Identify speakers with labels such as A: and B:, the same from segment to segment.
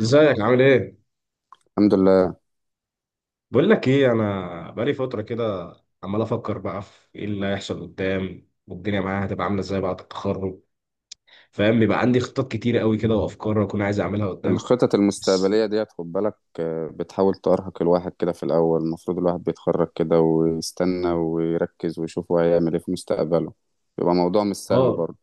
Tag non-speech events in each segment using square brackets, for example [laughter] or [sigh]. A: ازيك عامل ايه؟
B: الحمد لله.
A: بقول لك ايه انا بقالي فترة كده عمال افكر بقى في ايه اللي هيحصل قدام والدنيا معايا هتبقى عاملة ازاي بعد التخرج فاهم بيبقى عندي خطط كتير قوي كده وافكار اكون عايز اعملها قدام
B: الخطط
A: بس
B: المستقبلية ديت، خد بالك. بتحاول تأرهق الواحد كده في الأول. المفروض الواحد بيتخرج كده ويستنى ويركز ويشوف هو هيعمل إيه في مستقبله. بيبقى موضوع مش سهل
A: اه
B: برضه.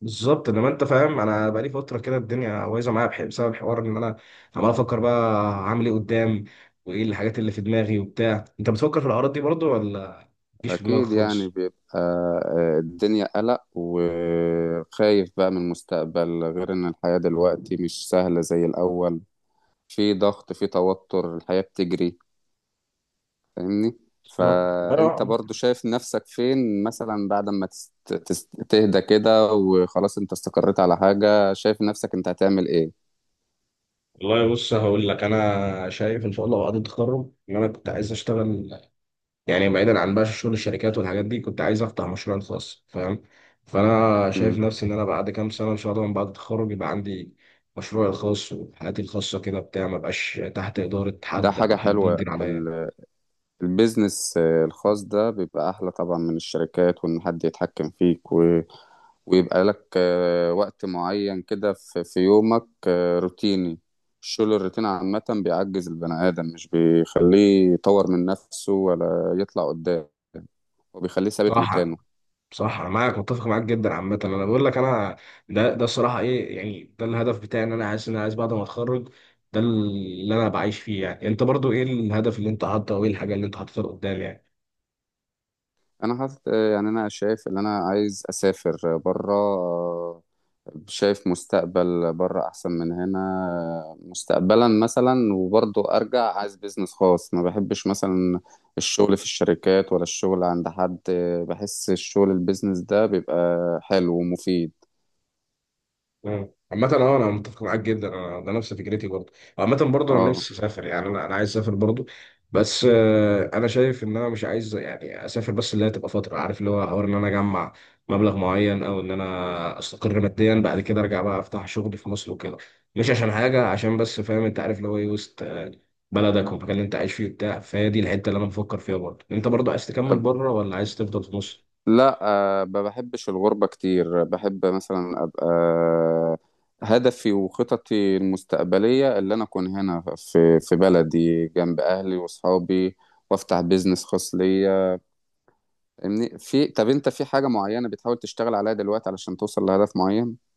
A: بالظبط انما انت فاهم انا بقالي فترة كده الدنيا بايظة معايا بسبب الحوار ان انا عمال افكر بقى هعمل ايه قدام وايه الحاجات اللي في دماغي وبتاع انت بتفكر في الاعراض دي برضو ولا مفيش في دماغك
B: أكيد يعني
A: خالص؟
B: بيبقى الدنيا قلق وخايف بقى من المستقبل، غير إن الحياة دلوقتي مش سهلة زي الأول. في ضغط، في توتر، الحياة بتجري، فاهمني؟
A: بالظبط.
B: فانت برضو شايف نفسك فين مثلا بعد ما تهدى كده وخلاص انت استقريت على حاجة، شايف نفسك انت هتعمل ايه؟
A: والله بص هقول لك انا شايف ان شاء الله بعد التخرج ان انا كنت عايز اشتغل يعني بعيدا عن بقى شغل الشركات والحاجات دي كنت عايز افتح مشروع خاص فاهم فانا شايف
B: مم.
A: نفسي ان انا بعد كام سنه ان شاء الله من بعد التخرج يبقى عندي مشروعي الخاص وحياتي الخاصه كده بتاع ما بقاش تحت اداره
B: ده
A: حد او
B: حاجة
A: حد
B: حلوة
A: مدير عليا.
B: البيزنس الخاص ده بيبقى احلى طبعا من الشركات، وان حد يتحكم فيك ويبقى لك وقت معين كده في يومك روتيني. الشغل الروتين عامة بيعجز البني آدم، مش بيخليه يطور من نفسه ولا يطلع قدام، وبيخليه ثابت
A: صراحه
B: مكانه.
A: صح انا معاك متفق معاك جدا عامه انا بقول لك انا ده الصراحه ايه يعني ده الهدف بتاعي ان انا عايز بعد ما اتخرج ده اللي انا بعيش فيه. يعني انت برضو ايه الهدف اللي انت حاطه وايه الحاجه اللي انت حاططها قدام يعني.
B: انا حاطط يعني انا شايف ان انا عايز اسافر بره. شايف مستقبل بره احسن من هنا مستقبلا مثلا، وبرضه ارجع عايز بيزنس خاص. ما بحبش مثلا الشغل في الشركات، ولا الشغل عند حد. بحس الشغل البيزنس ده بيبقى حلو ومفيد.
A: مم. عامة اه انا متفق معاك جدا انا ده نفس فكرتي برضه. عامة برضه انا
B: اه.
A: نفسي اسافر، يعني انا عايز اسافر برضه. بس انا شايف ان انا مش عايز يعني اسافر بس، اللي هي تبقى فترة عارف اللي هو حوار ان انا اجمع مبلغ معين او ان انا استقر ماديا بعد كده ارجع بقى افتح شغل في مصر وكده. مش عشان حاجة عشان بس فاهم انت عارف اللي هو ايه وسط بلدك والمكان اللي انت عايش فيه وبتاع. فهي دي الحتة اللي انا بفكر فيها. برضه انت برضه عايز تكمل بره ولا عايز تفضل في مصر؟
B: لا، ما بحبش الغربة كتير. بحب مثلا أبقى. هدفي وخططي المستقبلية اللي أنا أكون هنا في بلدي جنب أهلي وأصحابي، وأفتح بيزنس خاص ليا. في طب، أنت في حاجة معينة بتحاول تشتغل عليها دلوقتي علشان توصل لهدف معين؟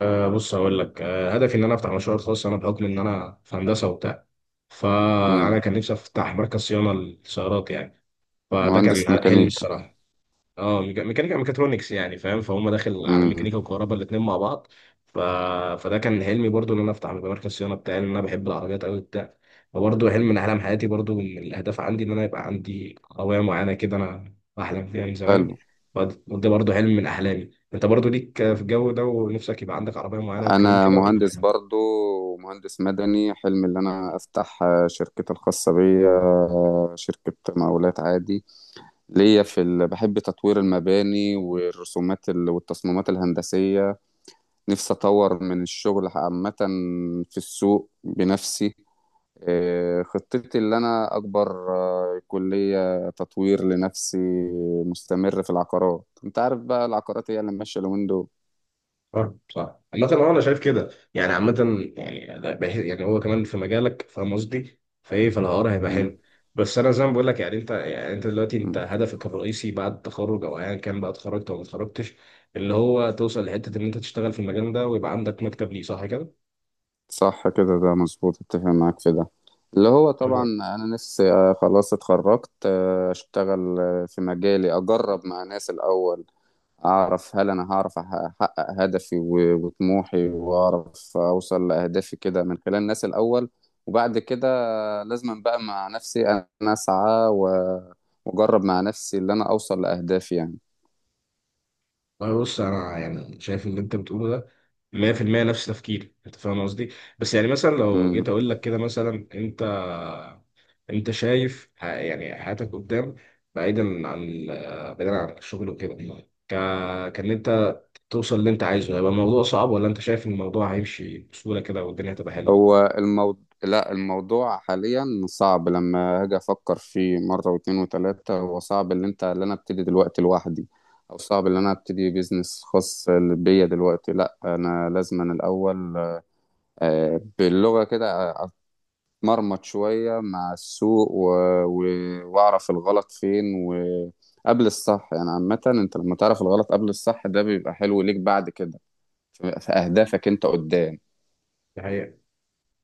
A: أه بص هقول لك أه هدفي ان انا افتح مشروع خاص. انا بحكم ان انا في هندسه وبتاع فانا
B: مم.
A: كان نفسي افتح مركز صيانه للسيارات يعني. فده كان
B: مهندس
A: حلمي
B: ميكانيكا.
A: الصراحه. اه ميكانيكا، ميكاترونكس يعني فاهم. فهم داخل على
B: مم.
A: ميكانيكا وكهرباء الاثنين مع بعض. ف... فده كان حلمي برضو ان انا افتح مركز صيانه بتاعي لان انا بحب العربيات قوي بتاع. فبرضه حلم من احلام حياتي، برضو من الاهداف عندي ان انا يبقى عندي عربيه معينه كده انا بحلم فيها من زمان.
B: حلو.
A: وده برضو حلم من احلامي. انت برضو ليك في الجو ده ونفسك يبقى عندك عربيه معينه والكلام
B: أنا
A: كده
B: مهندس
A: ولا؟
B: برضو، مهندس مدني. حلمي اللي أنا أفتح شركتي الخاصة بيا، شركة مقاولات عادي ليا. بحب تطوير المباني والرسومات والتصميمات الهندسية. نفسي أطور من الشغل عامة في السوق بنفسي. خطتي اللي أنا أكبر، كلية تطوير لنفسي. مستمر في العقارات. أنت عارف بقى العقارات هي اللي ماشية اليومين دول.
A: صح صح. عامة اه انا شايف كده يعني. عامة يعني ده بحس يعني هو كمان في مجالك فاهم قصدي، فايه فالحوار هيبقى
B: مم.
A: حلو. بس انا زي ما بقول لك، يعني انت يعني انت دلوقتي انت
B: مم.
A: هدفك الرئيسي بعد التخرج او ايا كان بقى اتخرجت او ما اتخرجتش اللي هو توصل لحتة ان انت تشتغل في المجال ده ويبقى عندك مكتب ليه، صح كده؟
B: صح كده، ده مظبوط، اتفق معاك في ده. اللي هو طبعا
A: أيوة.
B: انا نفسي خلاص اتخرجت اشتغل في مجالي، اجرب مع ناس الاول. أعرف هل أنا هعرف أحقق هدفي وطموحي، وأعرف أوصل لأهدافي كده من خلال الناس الأول. وبعد كده لازم بقى مع نفسي أنا أسعى وأجرب مع نفسي اللي أنا أوصل لأهدافي يعني.
A: والله بص انا يعني شايف اللي انت بتقوله ده 100% نفس تفكيري انت فاهم قصدي. بس يعني مثلا لو جيت
B: مم.
A: اقول لك كده مثلا انت، انت شايف يعني حياتك قدام بعيدا عن بعيدا عن الشغل وكده، ك... كان انت توصل اللي انت عايزه هيبقى الموضوع صعب ولا انت شايف ان الموضوع هيمشي بسهولة كده والدنيا هتبقى حلوة؟
B: هو الموضوع، لا الموضوع حاليا صعب، لما أجي أفكر فيه مرة واتنين وتلاتة هو صعب. اللي أنت اللي أنا أبتدي دلوقتي لوحدي، أو صعب اللي أنا أبتدي بيزنس خاص بيا دلوقتي. لا أنا لازم أنا الأول باللغة كده مرمط شوية مع السوق و... وأعرف الغلط فين وقبل الصح. يعني عامة أنت لما تعرف الغلط قبل الصح ده بيبقى حلو ليك بعد كده في أهدافك أنت قدام.
A: دي حقيقة.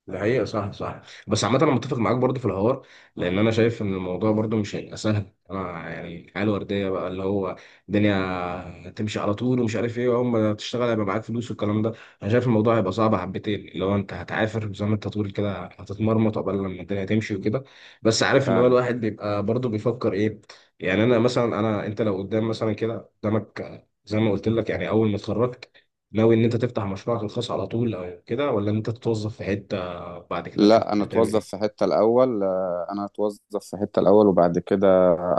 A: ده حقيقة صح صح. بس عامة أنا متفق معاك برضو في الحوار لأن أنا شايف إن الموضوع برضو مش هيبقى سهل. أنا يعني الحياة الوردية بقى اللي هو الدنيا تمشي على طول ومش عارف إيه وأول ما تشتغل هيبقى معاك فلوس والكلام ده. أنا شايف الموضوع هيبقى صعب حبتين، اللي هو أنت هتعافر زي ما أنت تقول كده، هتتمرمط قبل لما الدنيا تمشي وكده. بس عارف اللي هو
B: فعلا.
A: الواحد بيبقى برضو بيفكر إيه. يعني أنا مثلا أنا أنت لو قدام مثلا كده قدامك زي ما قلت لك يعني أول ما اتخرجت ناوي إن أنت تفتح مشروعك الخاص على طول أو كده، ولا إن أنت تتوظف في حتة بعد كده تشوف
B: لا،
A: انت
B: أنا
A: تعمل
B: أتوظف
A: ايه؟
B: في حتة الأول. أنا أتوظف في حتة الأول وبعد كده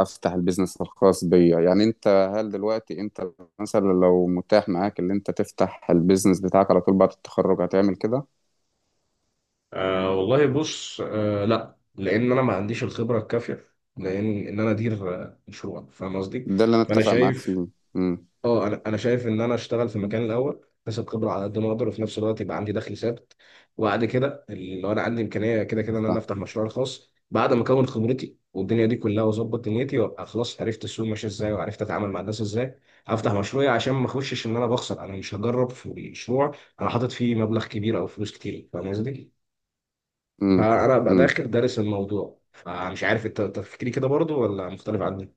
B: أفتح البيزنس الخاص بيا. يعني أنت، هل دلوقتي أنت مثلا لو متاح معاك اللي أنت تفتح البيزنس بتاعك على طول بعد التخرج هتعمل كده؟
A: آه والله بص آه لا لان انا ما عنديش الخبره الكافيه لان ان انا ادير مشروع فاهم قصدي.
B: ده اللي أنا
A: فانا
B: أتفق معاك
A: شايف.
B: فيه. امم
A: اه انا شايف ان انا اشتغل في مكان الاول اكتسب خبره على قد ما اقدر وفي نفس الوقت يبقى عندي دخل ثابت. وبعد كده لو انا عندي امكانيه كده كده ان انا افتح
B: صح.
A: مشروع خاص بعد ما اكون خبرتي والدنيا دي كلها واظبط دنيتي وابقى خلاص عرفت السوق ماشي ازاي وعرفت اتعامل مع الناس ازاي هفتح مشروعي، عشان ما اخشش ان انا بخسر. انا مش هجرب في مشروع انا حاطط فيه مبلغ كبير او فلوس كتير فاهم قصدي؟ فانا ابقى
B: امم
A: داخل دارس الموضوع. فمش عارف انت تفكيري كده برضو ولا مختلف عني؟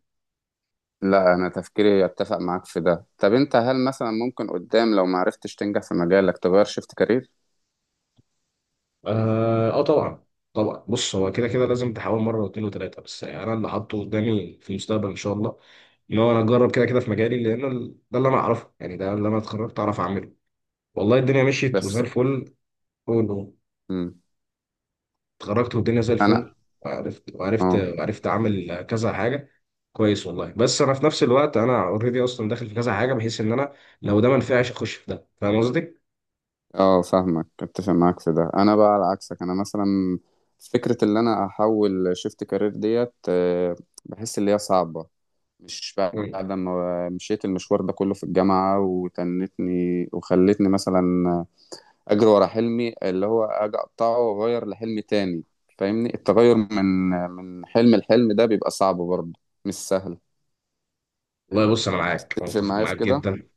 B: لا انا تفكيري يتفق معاك في ده. طب انت هل مثلا ممكن قدام لو ما عرفتش تنجح في مجالك تغير شيفت كارير؟
A: اه آه طبعا. طبعا بص هو كده كده لازم تحاول مره واثنين وثلاثه. بس يعني انا اللي حاطه قدامي في المستقبل ان شاء الله ان هو انا اجرب كده كده في مجالي لان ده اللي انا اعرفه، يعني ده اللي انا اتخرجت اعرف اعمله. والله الدنيا مشيت وزي
B: بس.
A: الفل. أول- ما
B: امم
A: اتخرجت والدنيا زي
B: انا.
A: الفل وعرفت
B: اه.
A: وعرفت اعمل كذا حاجه كويس. والله بس انا في نفس الوقت انا اوريدي اصلا داخل في كذا حاجه بحيث ان انا لو ده ما نفعش اخش في ده فاهم قصدي؟
B: اه فاهمك، اتفق معاك في ده. انا بقى على عكسك. انا مثلا فكرة اللي انا احول شيفت كارير ديت بحس اللي هي صعبة. مش
A: مم.
B: بعد ما مشيت المشوار ده كله في الجامعة وتنتني وخلتني مثلا اجري ورا حلمي، اللي هو اجي اقطعه واغير لحلم تاني. فاهمني؟ التغير من حلم لحلم ده بيبقى صعب برضه، مش سهل.
A: والله بص انا معاك، أنا
B: تتفق
A: متفق
B: معايا في
A: معاك
B: كده.
A: جدا،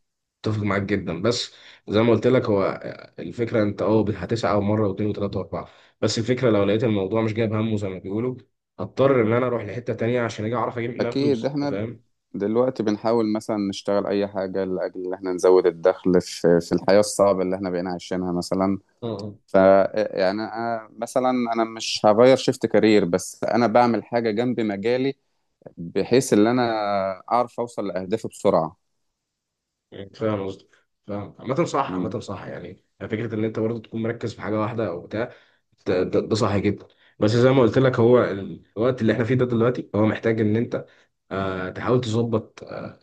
A: اتفق معاك جدا. بس زي ما قلت لك هو الفكره انت اه هتسعى مره واثنين وثلاثه واربعه. بس الفكره لو لقيت الموضوع مش جايب همه زي ما بيقولوا هضطر ان انا اروح لحته تانيه عشان اجي اعرف اجيب منها
B: اكيد
A: فلوس أنت
B: احنا
A: فاهم؟
B: دلوقتي بنحاول مثلا نشتغل اي حاجه لاجل ان احنا نزود الدخل في الحياه الصعبه اللي احنا بقينا عايشينها مثلا.
A: اه
B: ف، يعني أنا مثلا انا مش هغير شيفت كارير، بس انا بعمل حاجه جنب مجالي بحيث ان انا اعرف اوصل لاهدافي بسرعه.
A: آه. فاهم قصدي. فاهم عامة صح.
B: مم.
A: عامة صح. يعني فكرة إن أنت برضه تكون مركز في حاجة واحدة أو بتاع، ده صح جدا. بس زي ما قلت لك هو الوقت اللي إحنا فيه ده دلوقتي هو محتاج إن أنت آه تحاول تظبط آه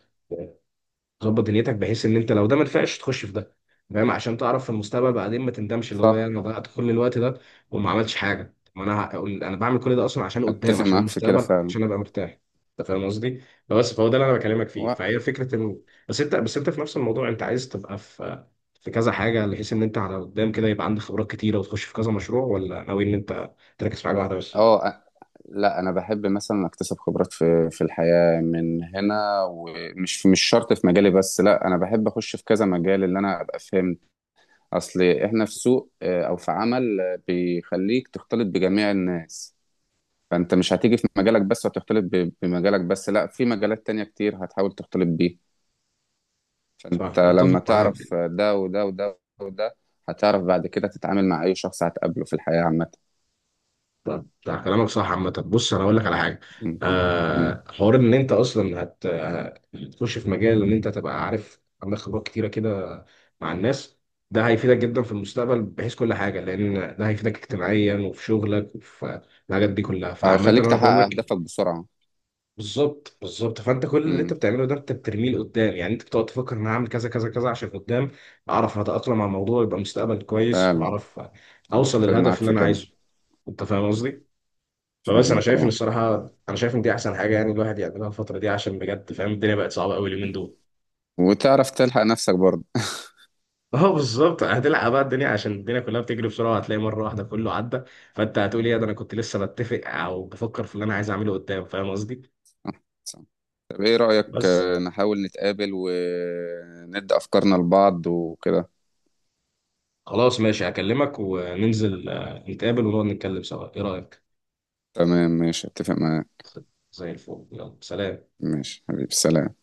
A: ظبط دنيتك بحيث ان انت لو ده ما نفعش تخش في ده فاهم، عشان تعرف في المستقبل بعدين ما تندمش اللي هو يعني
B: صح.
A: انا ضيعت كل الوقت ده وما عملتش حاجه. طب ما انا انا بعمل كل ده اصلا عشان قدام،
B: اتفق
A: عشان
B: معاك في كده
A: المستقبل،
B: فعلا.
A: عشان ابقى مرتاح. انت فاهم قصدي؟ بس فهو ده اللي انا بكلمك فيه. فهي فكره انه بس انت في نفس الموضوع انت عايز تبقى في في كذا حاجه بحيث ان انت على قدام كده يبقى عندك خبرات كتيره وتخش في كذا مشروع، ولا ناوي ان انت تركز في حاجه واحده بس؟
B: اه. لا انا بحب مثلا اكتسب خبرات في الحياه من هنا، ومش مش شرط في مجالي بس، لا انا بحب اخش في كذا مجال اللي انا ابقى فاهم. اصل احنا في سوق او في عمل بيخليك تختلط بجميع الناس. فانت مش هتيجي في مجالك بس وتختلط بمجالك بس، لا في مجالات تانية كتير هتحاول تختلط بيه.
A: صح
B: فانت
A: متفق
B: لما
A: معاك.
B: تعرف ده وده وده وده هتعرف بعد كده تتعامل مع اي شخص هتقابله في الحياه عامه.
A: طب ده كلامك صح. عامة بص انا اقول لك على حاجة،
B: م- م.
A: آه حوار ان انت اصلا هتخش في مجال ان انت تبقى عارف عندك خبرات كتيرة كده مع الناس ده هيفيدك جدا في المستقبل بحيث كل حاجة لان ده هيفيدك اجتماعيا وفي شغلك وفي الحاجات دي كلها. فعامة
B: وهيخليك
A: انا
B: تحقق
A: بقول لك
B: اهدافك بسرعه.
A: بالظبط بالظبط. فانت كل اللي انت
B: م.
A: بتعمله ده انت بترميه لقدام، يعني انت بتقعد تفكر ان انا هعمل كذا كذا كذا عشان قدام اعرف اتأقلم مع الموضوع يبقى مستقبل كويس
B: فعلا.
A: واعرف اوصل
B: اتفق
A: للهدف
B: معاك
A: اللي
B: في
A: انا
B: كده.
A: عايزه. انت فاهم قصدي؟ فبس انا
B: فاهمك
A: شايف ان
B: اه.
A: الصراحه انا شايف ان دي احسن حاجه يعني الواحد يعملها الفتره دي عشان بجد فاهم الدنيا بقت صعبه قوي اليومين دول.
B: وتعرف تلحق نفسك برضه.
A: [laughs] اه بالظبط هتلعب بقى الدنيا عشان الدنيا كلها بتجري بسرعه، هتلاقي مره واحده كله عدى فانت هتقول ايه ده انا كنت لسه بتفق او بفكر في اللي انا عايز اعمله قدام فاهم قصدي.
B: طب ايه رأيك
A: بس
B: نحاول نتقابل وندي افكارنا لبعض وكده.
A: خلاص ماشي هكلمك وننزل نتقابل ونقعد نتكلم سوا ايه رايك.
B: تمام ماشي، اتفق معاك.
A: زي الفل يلا سلام.
B: ماشي حبيبي، سلام.